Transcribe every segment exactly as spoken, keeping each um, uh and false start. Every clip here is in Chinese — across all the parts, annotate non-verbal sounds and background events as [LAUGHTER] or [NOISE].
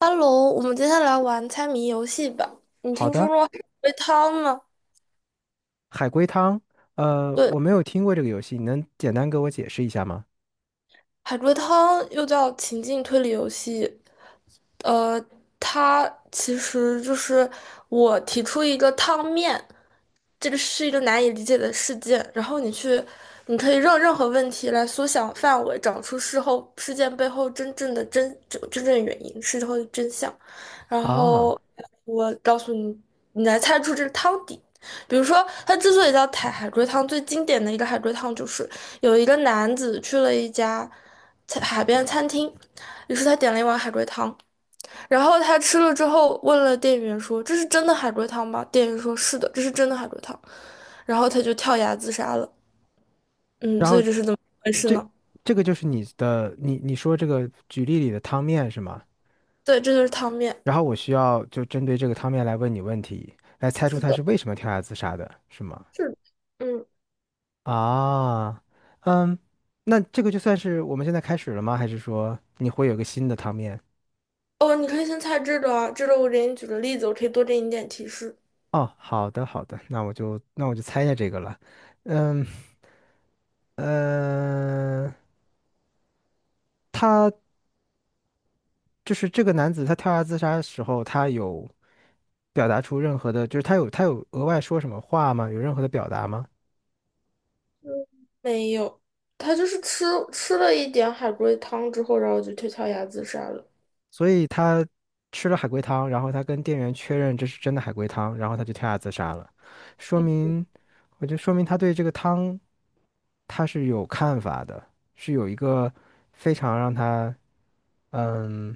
Hello，我们接下来玩猜谜游戏吧。你好听说的，过海龟汤吗？海龟汤，呃，对，我没有听过这个游戏，你能简单给我解释一下吗？海龟汤又叫情境推理游戏。呃，它其实就是我提出一个汤面，这个是一个难以理解的事件，然后你去，你可以让任何问题来缩小范围，找出事后事件背后真正的真真真正原因，事后的真相。然啊，后我告诉你，你来猜出这个汤底。比如说，它之所以叫海海龟汤，最经典的一个海龟汤就是有一个男子去了一家餐海边餐厅，于是他点了一碗海龟汤，然后他吃了之后问了店员说：“这是真的海龟汤吗？”店员说：“是的，这是真的海龟汤。”然后他就跳崖自杀了。嗯，然所后以这是怎么回事这呢？这个就是你的，你你说这个举例里的汤面是吗？对，这就是汤面。然后我需要就针对这个汤面来问你问题，来猜出是他的，是为什么跳崖自杀的，是吗？是的。嗯，啊，嗯，那这个就算是我们现在开始了吗？还是说你会有个新的汤面？哦，你可以先猜这个啊，这个我给你举个例子，我可以多给你一点提示。哦，好的好的，那我就那我就猜一下这个了，嗯。呃，他就是这个男子他跳崖自杀的时候，他有表达出任何的，就是他有他有额外说什么话吗？有任何的表达吗？没有，他就是吃吃了一点海龟汤之后，然后就跳跳崖自杀了。所以他吃了海龟汤，然后他跟店员确认这是真的海龟汤，然后他就跳崖自杀了，说明，我就说明他对这个汤他是有看法的，是有一个非常让他嗯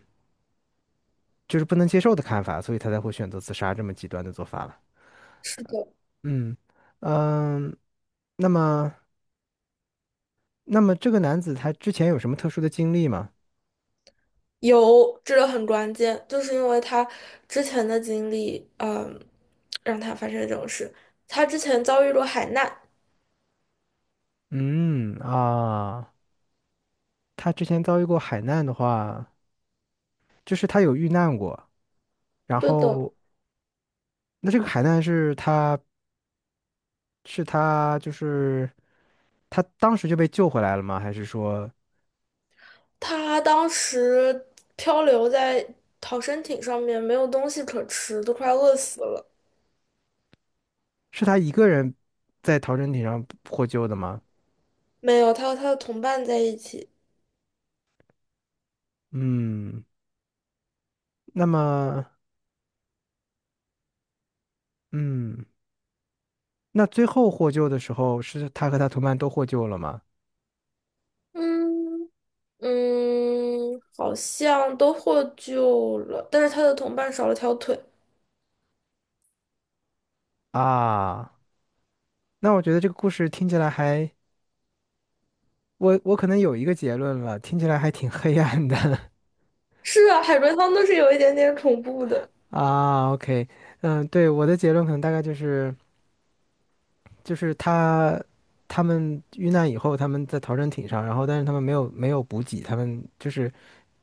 就是不能接受的看法，所以他才会选择自杀这么极端的做法了。是的，嗯嗯，那么。那么这个男子他之前有什么特殊的经历吗？有，这个很关键，就是因为他之前的经历，嗯，让他发生这种事。他之前遭遇过海难，嗯啊，他之前遭遇过海难的话，就是他有遇难过，然对的，后那这个海难是他是他就是他当时就被救回来了吗？还是说他当时漂流在逃生艇上面，没有东西可吃，都快饿死了。是他一个人在逃生艇上获救的吗？没有，他和他的同伴在一起。嗯，那么嗯，那最后获救的时候是他和他同伴都获救了吗？嗯，嗯，好像都获救了，但是他的同伴少了条腿。啊，那我觉得这个故事听起来还。我我可能有一个结论了，听起来还挺黑暗的 是啊，海龟汤都是有一点点恐怖的。[LAUGHS] 啊。OK，嗯，对，我的结论可能大概就是就是他他们遇难以后，他们在逃生艇上，然后但是他们没有没有补给，他们就是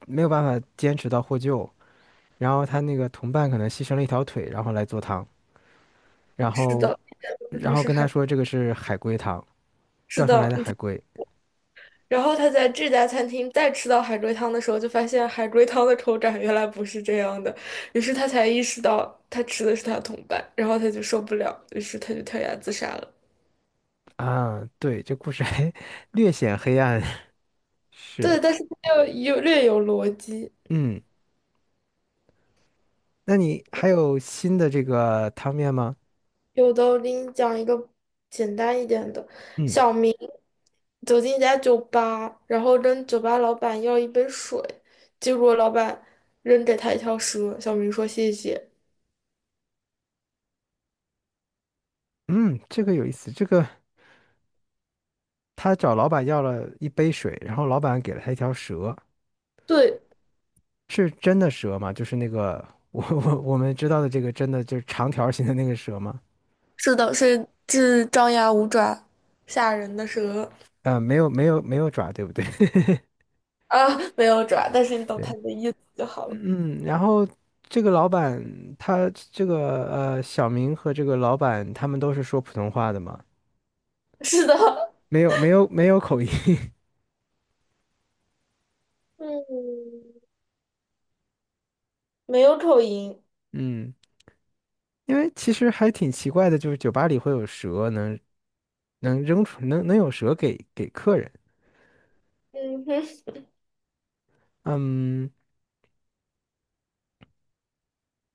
没有办法坚持到获救，然后他那个同伴可能牺牲了一条腿，然后来做汤，然是后的，然他后是跟他海，说这个是海龟汤，是钓上的，来的嗯。海龟然后他在这家餐厅再吃到海龟汤的时候，就发现海龟汤的口感原来不是这样的，于是他才意识到他吃的是他的同伴，然后他就受不了，于是他就跳崖自杀了。啊。对，这故事还 [LAUGHS] 略显黑暗，[LAUGHS] 对，是，但是他又有略有逻辑。嗯。那你还有新的这个汤面吗？有的，我给你讲一个简单一点的。嗯小明走进一家酒吧，然后跟酒吧老板要一杯水，结果老板扔给他一条蛇。小明说谢谢。嗯，这个有意思。这个他找老板要了一杯水，然后老板给了他一条蛇，对，是真的蛇吗？就是那个我我我们知道的这个真的就是长条形的那个蛇吗？是的，是是张牙舞爪、吓人的蛇。呃，没有没有没有爪，对不对？啊，没有爪，但是你 [LAUGHS] 懂对，他的意思就好了。嗯，嗯然后这个老板他这个呃小明和这个老板他们都是说普通话的吗？是的，没有没有没有口音，嗯，没有口音。[LAUGHS] 嗯。因为其实还挺奇怪的，就是酒吧里会有蛇能能扔出能能有蛇给给客人，嗯哼，嗯，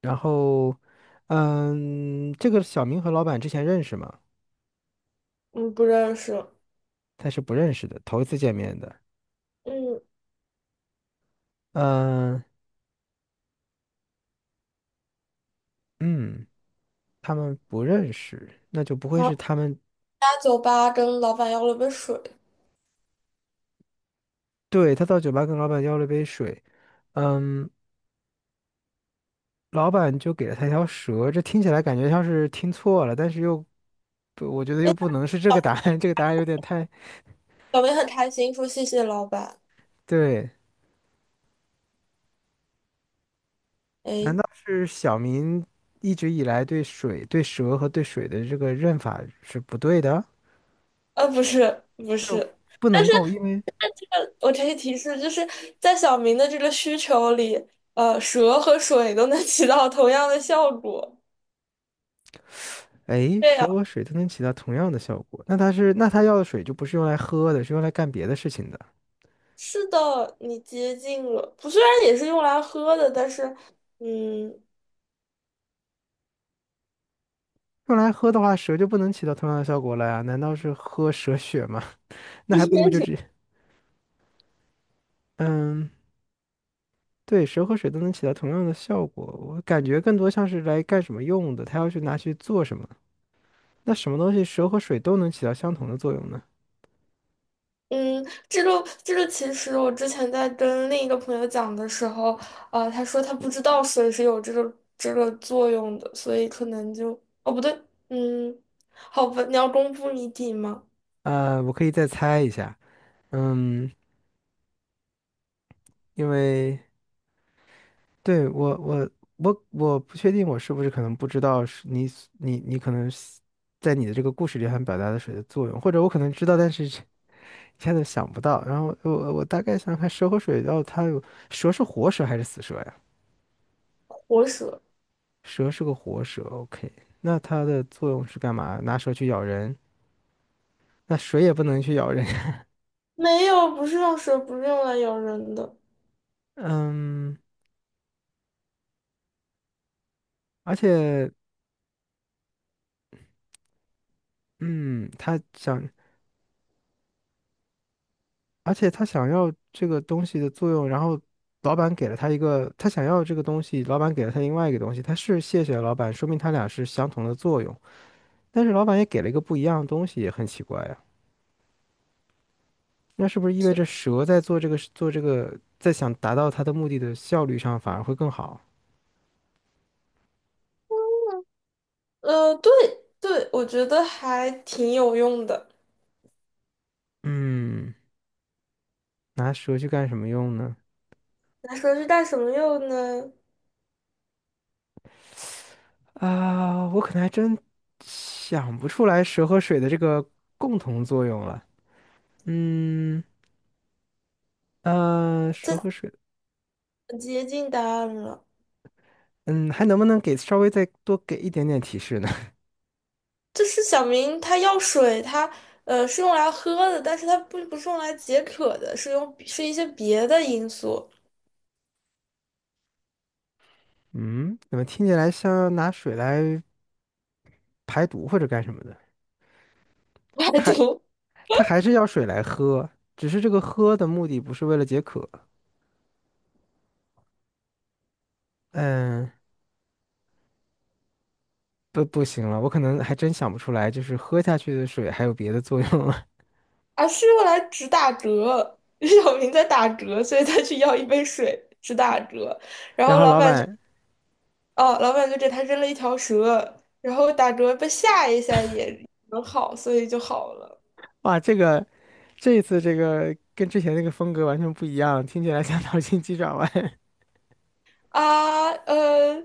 然后嗯，这个小明和老板之前认识吗？嗯，不认识。他是不认识的，头一次见面的，嗯，嗯嗯，他们不认识，那就不会然后是他们。他酒吧跟老板要了杯水。对，他到酒吧跟老板要了杯水，嗯，老板就给了他一条蛇，这听起来感觉像是听错了，但是又不，我觉得又不能是这个答案，[LAUGHS] 这个答案有点太，小明很开心，说谢谢老板。对。难哎，道是小明一直以来对水、对蛇和对水的这个认法是不对的？呃，不是，不就是，不但能是够，因为呃我给你提示，就是在小明的这个需求里，呃，蛇和水都能起到同样的效果。哎，对蛇呀，和水都能起到同样的效果，那它是那它要的水就不是用来喝的，是用来干别的事情的。是的，你接近了。不，虽然也是用来喝的，但是，嗯，用来喝的话，蛇就不能起到同样的效果了呀？难道是喝蛇血吗？[LAUGHS] 那还不如就直接……嗯，对，蛇和水都能起到同样的效果，我感觉更多像是来干什么用的，它要去拿去做什么？那什么东西蛇和水都能起到相同的作用呢？嗯，这个这个，其实我之前在跟另一个朋友讲的时候，呃，他说他不知道水是有这个这个作用的，所以可能就，哦，不对，嗯，好吧，你要公布谜底吗？呃，我可以再猜一下，嗯，因为对我我我我不确定我是不是可能不知道是你所你你可能是在你的这个故事里想表达的水的作用，或者我可能知道，但是这一下子想不到。然后我我大概想想看蛇和水，然后它有蛇是活蛇还是死蛇呀？活蛇。蛇是个活蛇，OK，那它的作用是干嘛？拿蛇去咬人，那水也不能去咬人，[LAUGHS] 没有，不是用蛇，不是用来咬人的。嗯，而且嗯，它想。而且他想要这个东西的作用，然后老板给了他一个，他想要这个东西，老板给了他另外一个东西，他是谢谢了老板，说明他俩是相同的作用，但是老板也给了一个不一样的东西，也很奇怪呀、那是不是意味着蛇在做这个做这个，在想达到它的目的的效率上反而会更好？呃，对对，我觉得还挺有用的。嗯，拿蛇去干什么用呢？那蛇是干什么用呢？啊，我可能还真想不出来蛇和水的这个共同作用了。嗯，呃，蛇这和水。接近答案了。嗯，还能不能给稍微再多给一点点提示呢？就是小明他要水，他呃是用来喝的，但是他不不是用来解渴的，是用是一些别的因素 [LAUGHS] 嗯，怎么听起来像拿水来排毒或者干什么的？排它还毒 它还是要水来喝，只是这个喝的目的不是为了解渴。嗯，不不行了，我可能还真想不出来，就是喝下去的水还有别的作用了。[LAUGHS]，而是用来止打嗝。[LAUGHS] 小明在打嗝，所以他去要一杯水止打嗝，[LAUGHS] 然然后后老老板就板，哦，老板就给他扔了一条蛇，然后打嗝被吓一下也能好，所以就好了。哇，这个这一次这个跟之前那个风格完全不一样，听起来像脑筋急转弯。啊，呃，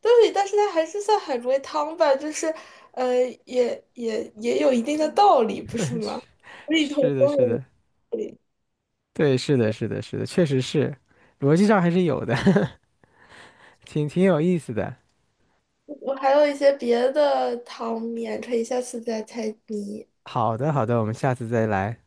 对，但是它还是算海龟汤吧，就是呃，也也也有一定的道理，不是吗？[LAUGHS] 里头是的，都是有的，道理。对，是的，是的，是的，确实是，逻辑上还是有的。[LAUGHS] 挺挺有意思的。我还有一些别的汤面，可以下次再猜谜。好的，好的，我们下次再来。